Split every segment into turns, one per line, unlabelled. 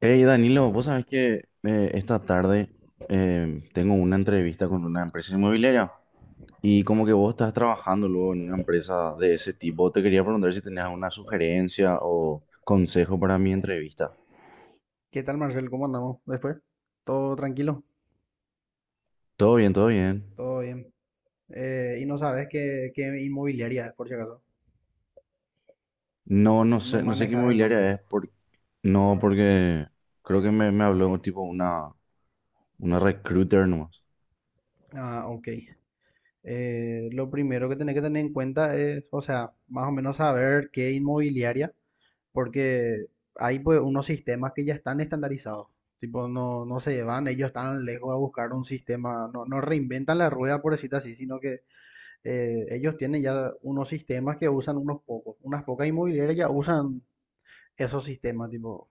Hey Danilo, vos sabés que esta tarde tengo una entrevista con una empresa inmobiliaria y como que vos estás trabajando luego en una empresa de ese tipo, te quería preguntar si tenías una sugerencia o consejo para mi entrevista.
¿Qué tal, Marcel? ¿Cómo andamos después? ¿Todo tranquilo?
Todo bien, todo bien.
Todo bien. Y no sabes qué inmobiliaria es, por si acaso.
No, no
No
sé, no sé qué
manejas el
inmobiliaria
nombre.
es, por, no, porque creo que me habló tipo una recruiter nomás.
Ah, ok. Lo primero que tenés que tener en cuenta es, o sea, más o menos saber qué inmobiliaria, porque hay pues unos sistemas que ya están estandarizados. Tipo, no, ellos están lejos a buscar un sistema, no, no reinventan la rueda, por decirlo así, sino que ellos tienen ya unos sistemas que usan unos pocos. Unas pocas inmobiliarias ya usan esos sistemas, tipo,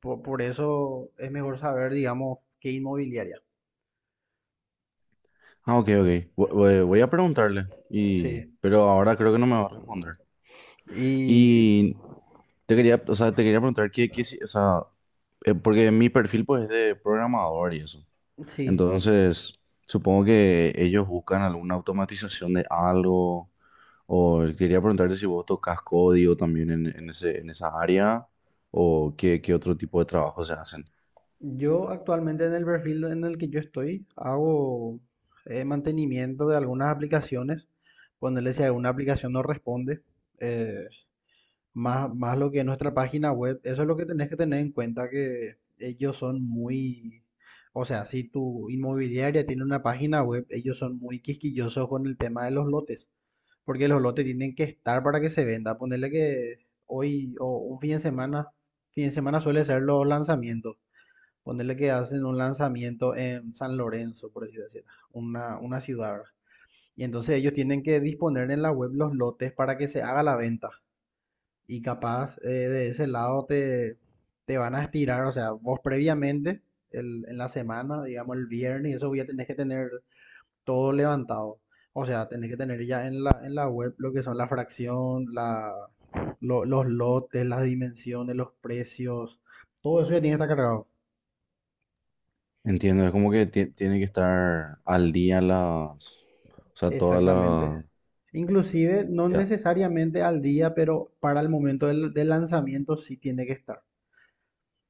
por eso es mejor saber, digamos, qué inmobiliaria.
Ah, ok, ok. Voy a preguntarle. Y...
Sí,
Pero ahora creo que no me va a responder.
y
Y te quería, o sea, te quería preguntar qué, qué si- o sea, porque mi perfil pues es de programador y eso.
sí,
Entonces, supongo que ellos buscan alguna automatización de algo. O quería preguntarte si vos tocas código también en ese, en esa área o qué, qué otro tipo de trabajo se hacen.
yo actualmente en el perfil en el que yo estoy hago mantenimiento de algunas aplicaciones, ponerle si alguna aplicación no responde, eh, más lo que es nuestra página web. Eso es lo que tenés que tener en cuenta, que ellos son muy... O sea, si tu inmobiliaria tiene una página web, ellos son muy quisquillosos con el tema de los lotes. Porque los lotes tienen que estar para que se venda. Ponerle que hoy o un fin de semana suele ser los lanzamientos. Ponerle que hacen un lanzamiento en San Lorenzo, por así decirlo, una ciudad, ¿verdad? Y entonces ellos tienen que disponer en la web los lotes para que se haga la venta. Y capaz de ese lado te van a estirar. O sea, vos previamente, en la semana, digamos el viernes, y eso ya tenés que tener todo levantado. O sea, tenés que tener ya en en la web lo que son la fracción, los lotes, las dimensiones, los precios, todo eso ya tiene que estar cargado.
Entiendo, es como que tiene que estar al día las, o sea, todas
Exactamente.
las,
Inclusive, no
ya.
necesariamente al día, pero para el momento del lanzamiento sí tiene que estar.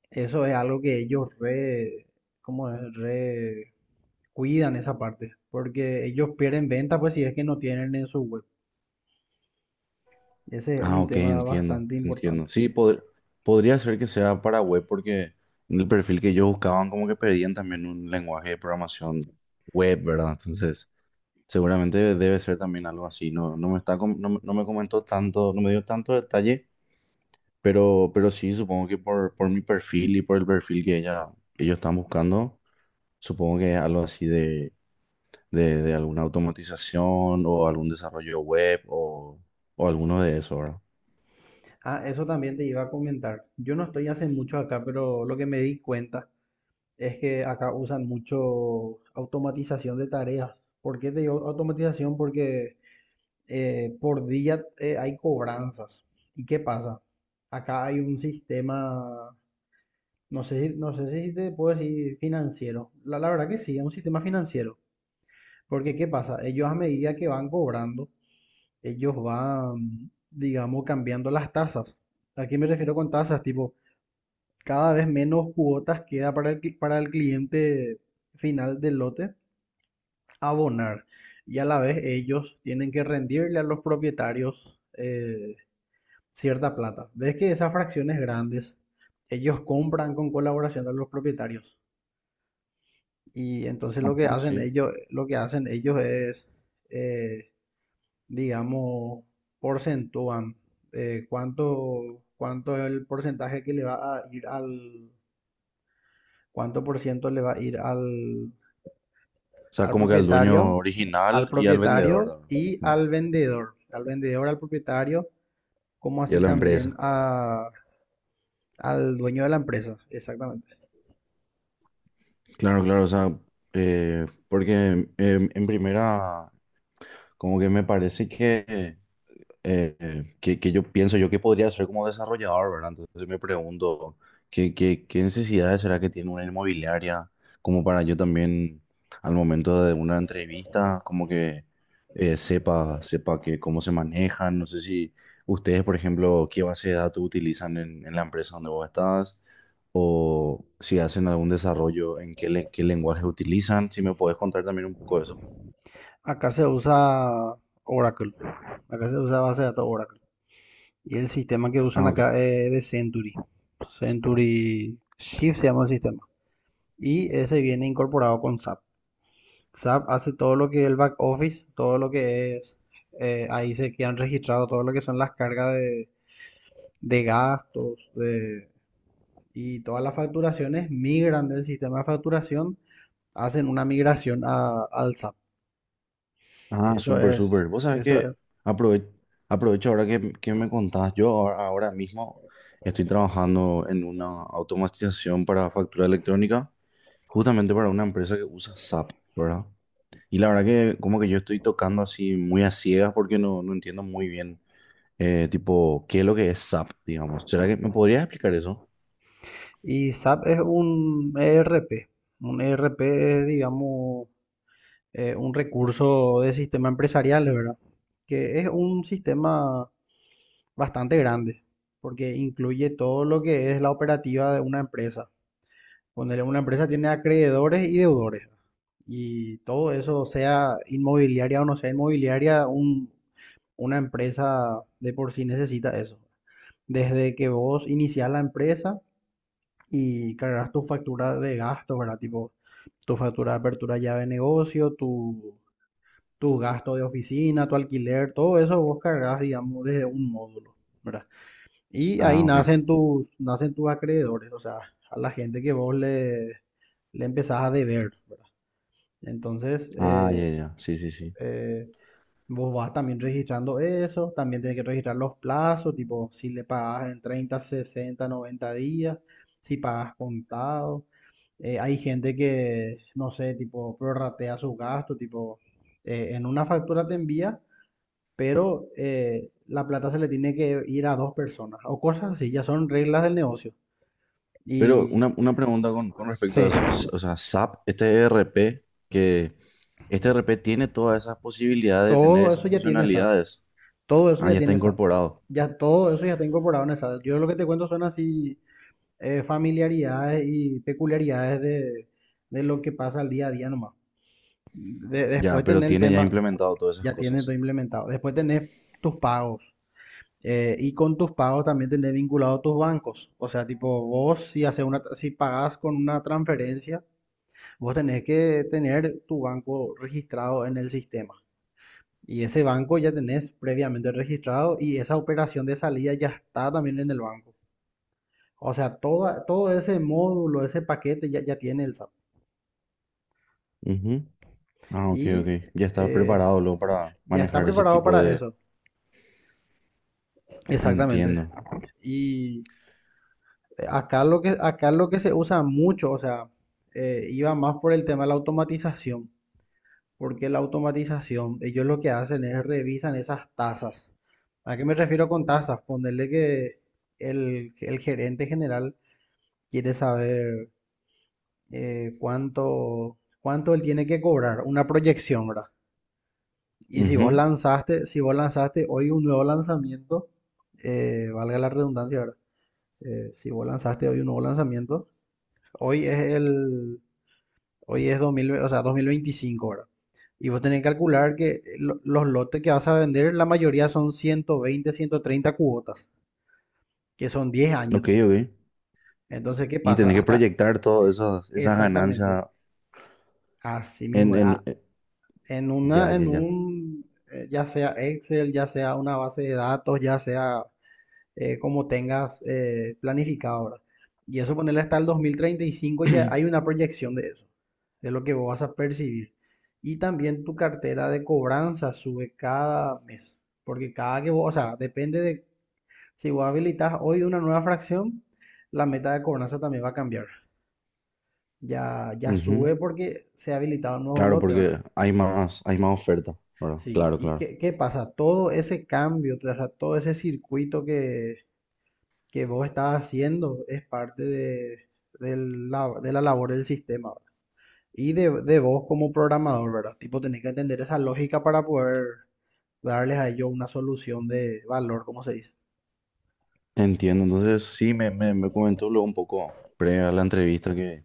Eso es algo que ellos re, ¿cómo es? Re cuidan esa parte, porque ellos pierden venta pues si es que no tienen en su web. Ese es
Ah,
un
ok,
tema
entiendo,
bastante
entiendo.
importante.
Sí, podría ser que sea para web porque en el perfil que ellos buscaban como que pedían también un lenguaje de programación web, ¿verdad? Entonces, seguramente debe ser también algo así. No, no, me comentó tanto, no me dio tanto detalle, pero sí, supongo que por mi perfil y por el perfil que ella, ellos están buscando, supongo que es algo así de alguna automatización o algún desarrollo web o alguno de eso, ¿verdad?
Ah, eso también te iba a comentar. Yo no estoy hace mucho acá, pero lo que me di cuenta es que acá usan mucho automatización de tareas. ¿Por qué te digo automatización? Porque por día hay cobranzas. ¿Y qué pasa? Acá hay un sistema, no sé, no sé si te puedo decir financiero. La verdad que sí, es un sistema financiero. Porque ¿qué pasa? Ellos a medida que van cobrando, ellos van, digamos, cambiando las tasas. ¿A qué me refiero con tasas? Tipo cada vez menos cuotas queda para el, para el cliente final del lote abonar. Y a la vez ellos tienen que rendirle a los propietarios cierta plata. Ves que esas fracciones grandes, ellos compran con colaboración de los propietarios. Y entonces
Ajá, sí.
lo que hacen ellos es, eh, digamos, porcentúan cuánto es el porcentaje que le va a ir al, cuánto por ciento le va a ir al,
O sea,
al
como que al
propietario,
dueño original y al vendedor, ¿verdad? Mm.
al vendedor, como
Y a
así
la
también
empresa.
a, al dueño de la empresa, exactamente.
Claro, claro, o sea, porque en primera, como que me parece que yo pienso yo que podría ser como desarrollador, ¿verdad? Entonces me pregunto, ¿qué, qué, qué necesidades será que tiene una inmobiliaria? Como para yo también, al momento de una entrevista, como que sepa, sepa que cómo se manejan. No sé si ustedes, por ejemplo, qué base de datos utilizan en la empresa donde vos estás. O si hacen algún desarrollo, en qué, qué lenguaje utilizan, si me podés contar también un poco de eso.
Acá se usa Oracle, acá se usa base de datos Oracle. Y el sistema que usan
Ah, ok.
acá es de Century. Century Shift se llama el sistema. Y ese viene incorporado con SAP. SAP hace todo lo que es el back office, todo lo que es, ahí se quedan registrados todo lo que son las cargas de gastos y todas las facturaciones migran del sistema de facturación, hacen una migración al SAP.
Ah,
Eso
súper,
es,
súper. Vos sabés
eso
que
es.
aprove- aprovecho ahora que me contás. Yo ahora, ahora mismo estoy trabajando en una automatización para factura electrónica, justamente para una empresa que usa SAP, ¿verdad? Y la verdad que como que yo estoy tocando así muy a ciegas porque no, no entiendo muy bien, tipo, qué es lo que es SAP, digamos. ¿Será que me podrías explicar eso?
Y SAP es un ERP. Un ERP es, digamos, un recurso de sistema empresarial, ¿verdad? Que es un sistema bastante grande, porque incluye todo lo que es la operativa de una empresa. Ponele, una empresa tiene acreedores y deudores. Y todo eso, sea inmobiliaria o no sea inmobiliaria, una empresa de por sí necesita eso. Desde que vos iniciás la empresa y cargas tu factura de gastos, ¿verdad? Tipo, tu factura de apertura llave de negocio, tu, tus gastos de oficina, tu alquiler, todo eso vos cargas, digamos, desde un módulo, ¿verdad? Y ahí
Ah, ok.
nacen tus acreedores, o sea, a la gente que vos le empezás a deber, ¿verdad? Entonces,
Ah, ya, ya. Sí, sí, sí.
eh, vos vas también registrando eso, también tenés que registrar los plazos, tipo si le pagas en 30 60 90 días, si pagas contado. Hay gente que, no sé, tipo prorratea sus gastos, tipo en una factura te envía, pero la plata se le tiene que ir a dos personas o cosas así, ya son reglas del negocio.
Pero
Y
una pregunta con respecto
sí,
a eso. O sea, SAP, este ERP, que este ERP tiene todas esas posibilidades de tener
todo eso
esas
ya tiene SAP,
funcionalidades.
todo eso
Ah,
ya
ya está
tiene SAP,
incorporado.
ya todo eso ya está incorporado en el SAP. Yo lo que te cuento son así familiaridades y peculiaridades de lo que pasa al día a día nomás.
Ya,
Después
pero
tenés el
tiene ya
tema,
implementado todas esas
ya tienes
cosas.
todo implementado. Después tenés tus pagos. Y con tus pagos también tenés vinculado tus bancos. O sea, tipo, vos si haces una, si pagás con una transferencia, vos tenés que tener tu banco registrado en el sistema. Y ese banco ya tenés previamente registrado y esa operación de salida ya está también en el banco. O sea, todo ese módulo, ese paquete ya tiene el SAP.
Ujú. Ah, ok,
Y
ok. Ya está
eh,
preparado luego para
ya está
manejar ese
preparado
tipo
para
de...
eso. Exactamente.
Entiendo.
Y acá lo que se usa mucho, o sea, iba más por el tema de la automatización, porque la automatización, ellos lo que hacen es revisan esas tasas. ¿A qué me refiero con tasas? Ponerle que el gerente general quiere saber cuánto él tiene que cobrar, una proyección, ¿verdad? Y
Ujú.
si vos lanzaste hoy un nuevo lanzamiento, valga la redundancia, ¿verdad? Si vos lanzaste hoy un nuevo lanzamiento, hoy es el, hoy es 2025, ¿verdad? Y vos tenés que calcular que los lotes que vas a vender, la mayoría son 120, 130 cuotas, que son 10
Ok,
años.
ok.
Entonces, ¿qué
Y
pasa?
tenés que
Hasta
proyectar todas esas, esas
exactamente
ganancias
así mismo.
en...
Ah, en
ya,
una,
ya,
en
ya.
un, ya sea Excel, ya sea una base de datos, ya sea como tengas planificado, ahora y eso ponerle hasta el 2035 ya hay una proyección de eso, de lo que vos vas a percibir. Y también tu cartera de cobranza sube cada mes, porque cada que vos, o sea, depende de si vos habilitas hoy una nueva fracción, la meta de cobranza también va a cambiar. Ya, ya
Ujú.
sube porque se ha habilitado un nuevo
Claro,
lote, ¿verdad?
porque hay más oferta. Bueno,
Sí,
claro,
¿y
claro.
qué pasa? Todo ese cambio, o sea, todo ese circuito que vos estás haciendo es parte de, de la labor del sistema, ¿verdad? Y de vos como programador, ¿verdad? Tipo, tenés que entender esa lógica para poder darles a ellos una solución de valor, como se dice.
Entiendo, entonces sí, me comentó luego un poco pre a la entrevista que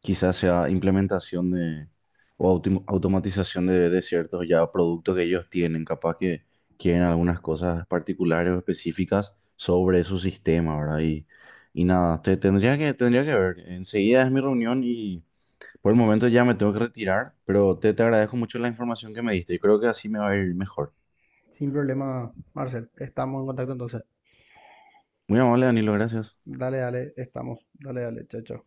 quizás sea implementación de o automatización de ciertos ya productos que ellos tienen, capaz que quieren algunas cosas particulares o específicas sobre su sistema, ¿verdad? Y nada, te, tendría que ver, enseguida es mi reunión y por el momento ya me tengo que retirar, pero te agradezco mucho la información que me diste y creo que así me va a ir mejor.
Sin problema, Marcel. Estamos en contacto entonces.
Muy amable, Danilo, gracias.
Dale, dale, estamos. Dale, dale, chao, chao.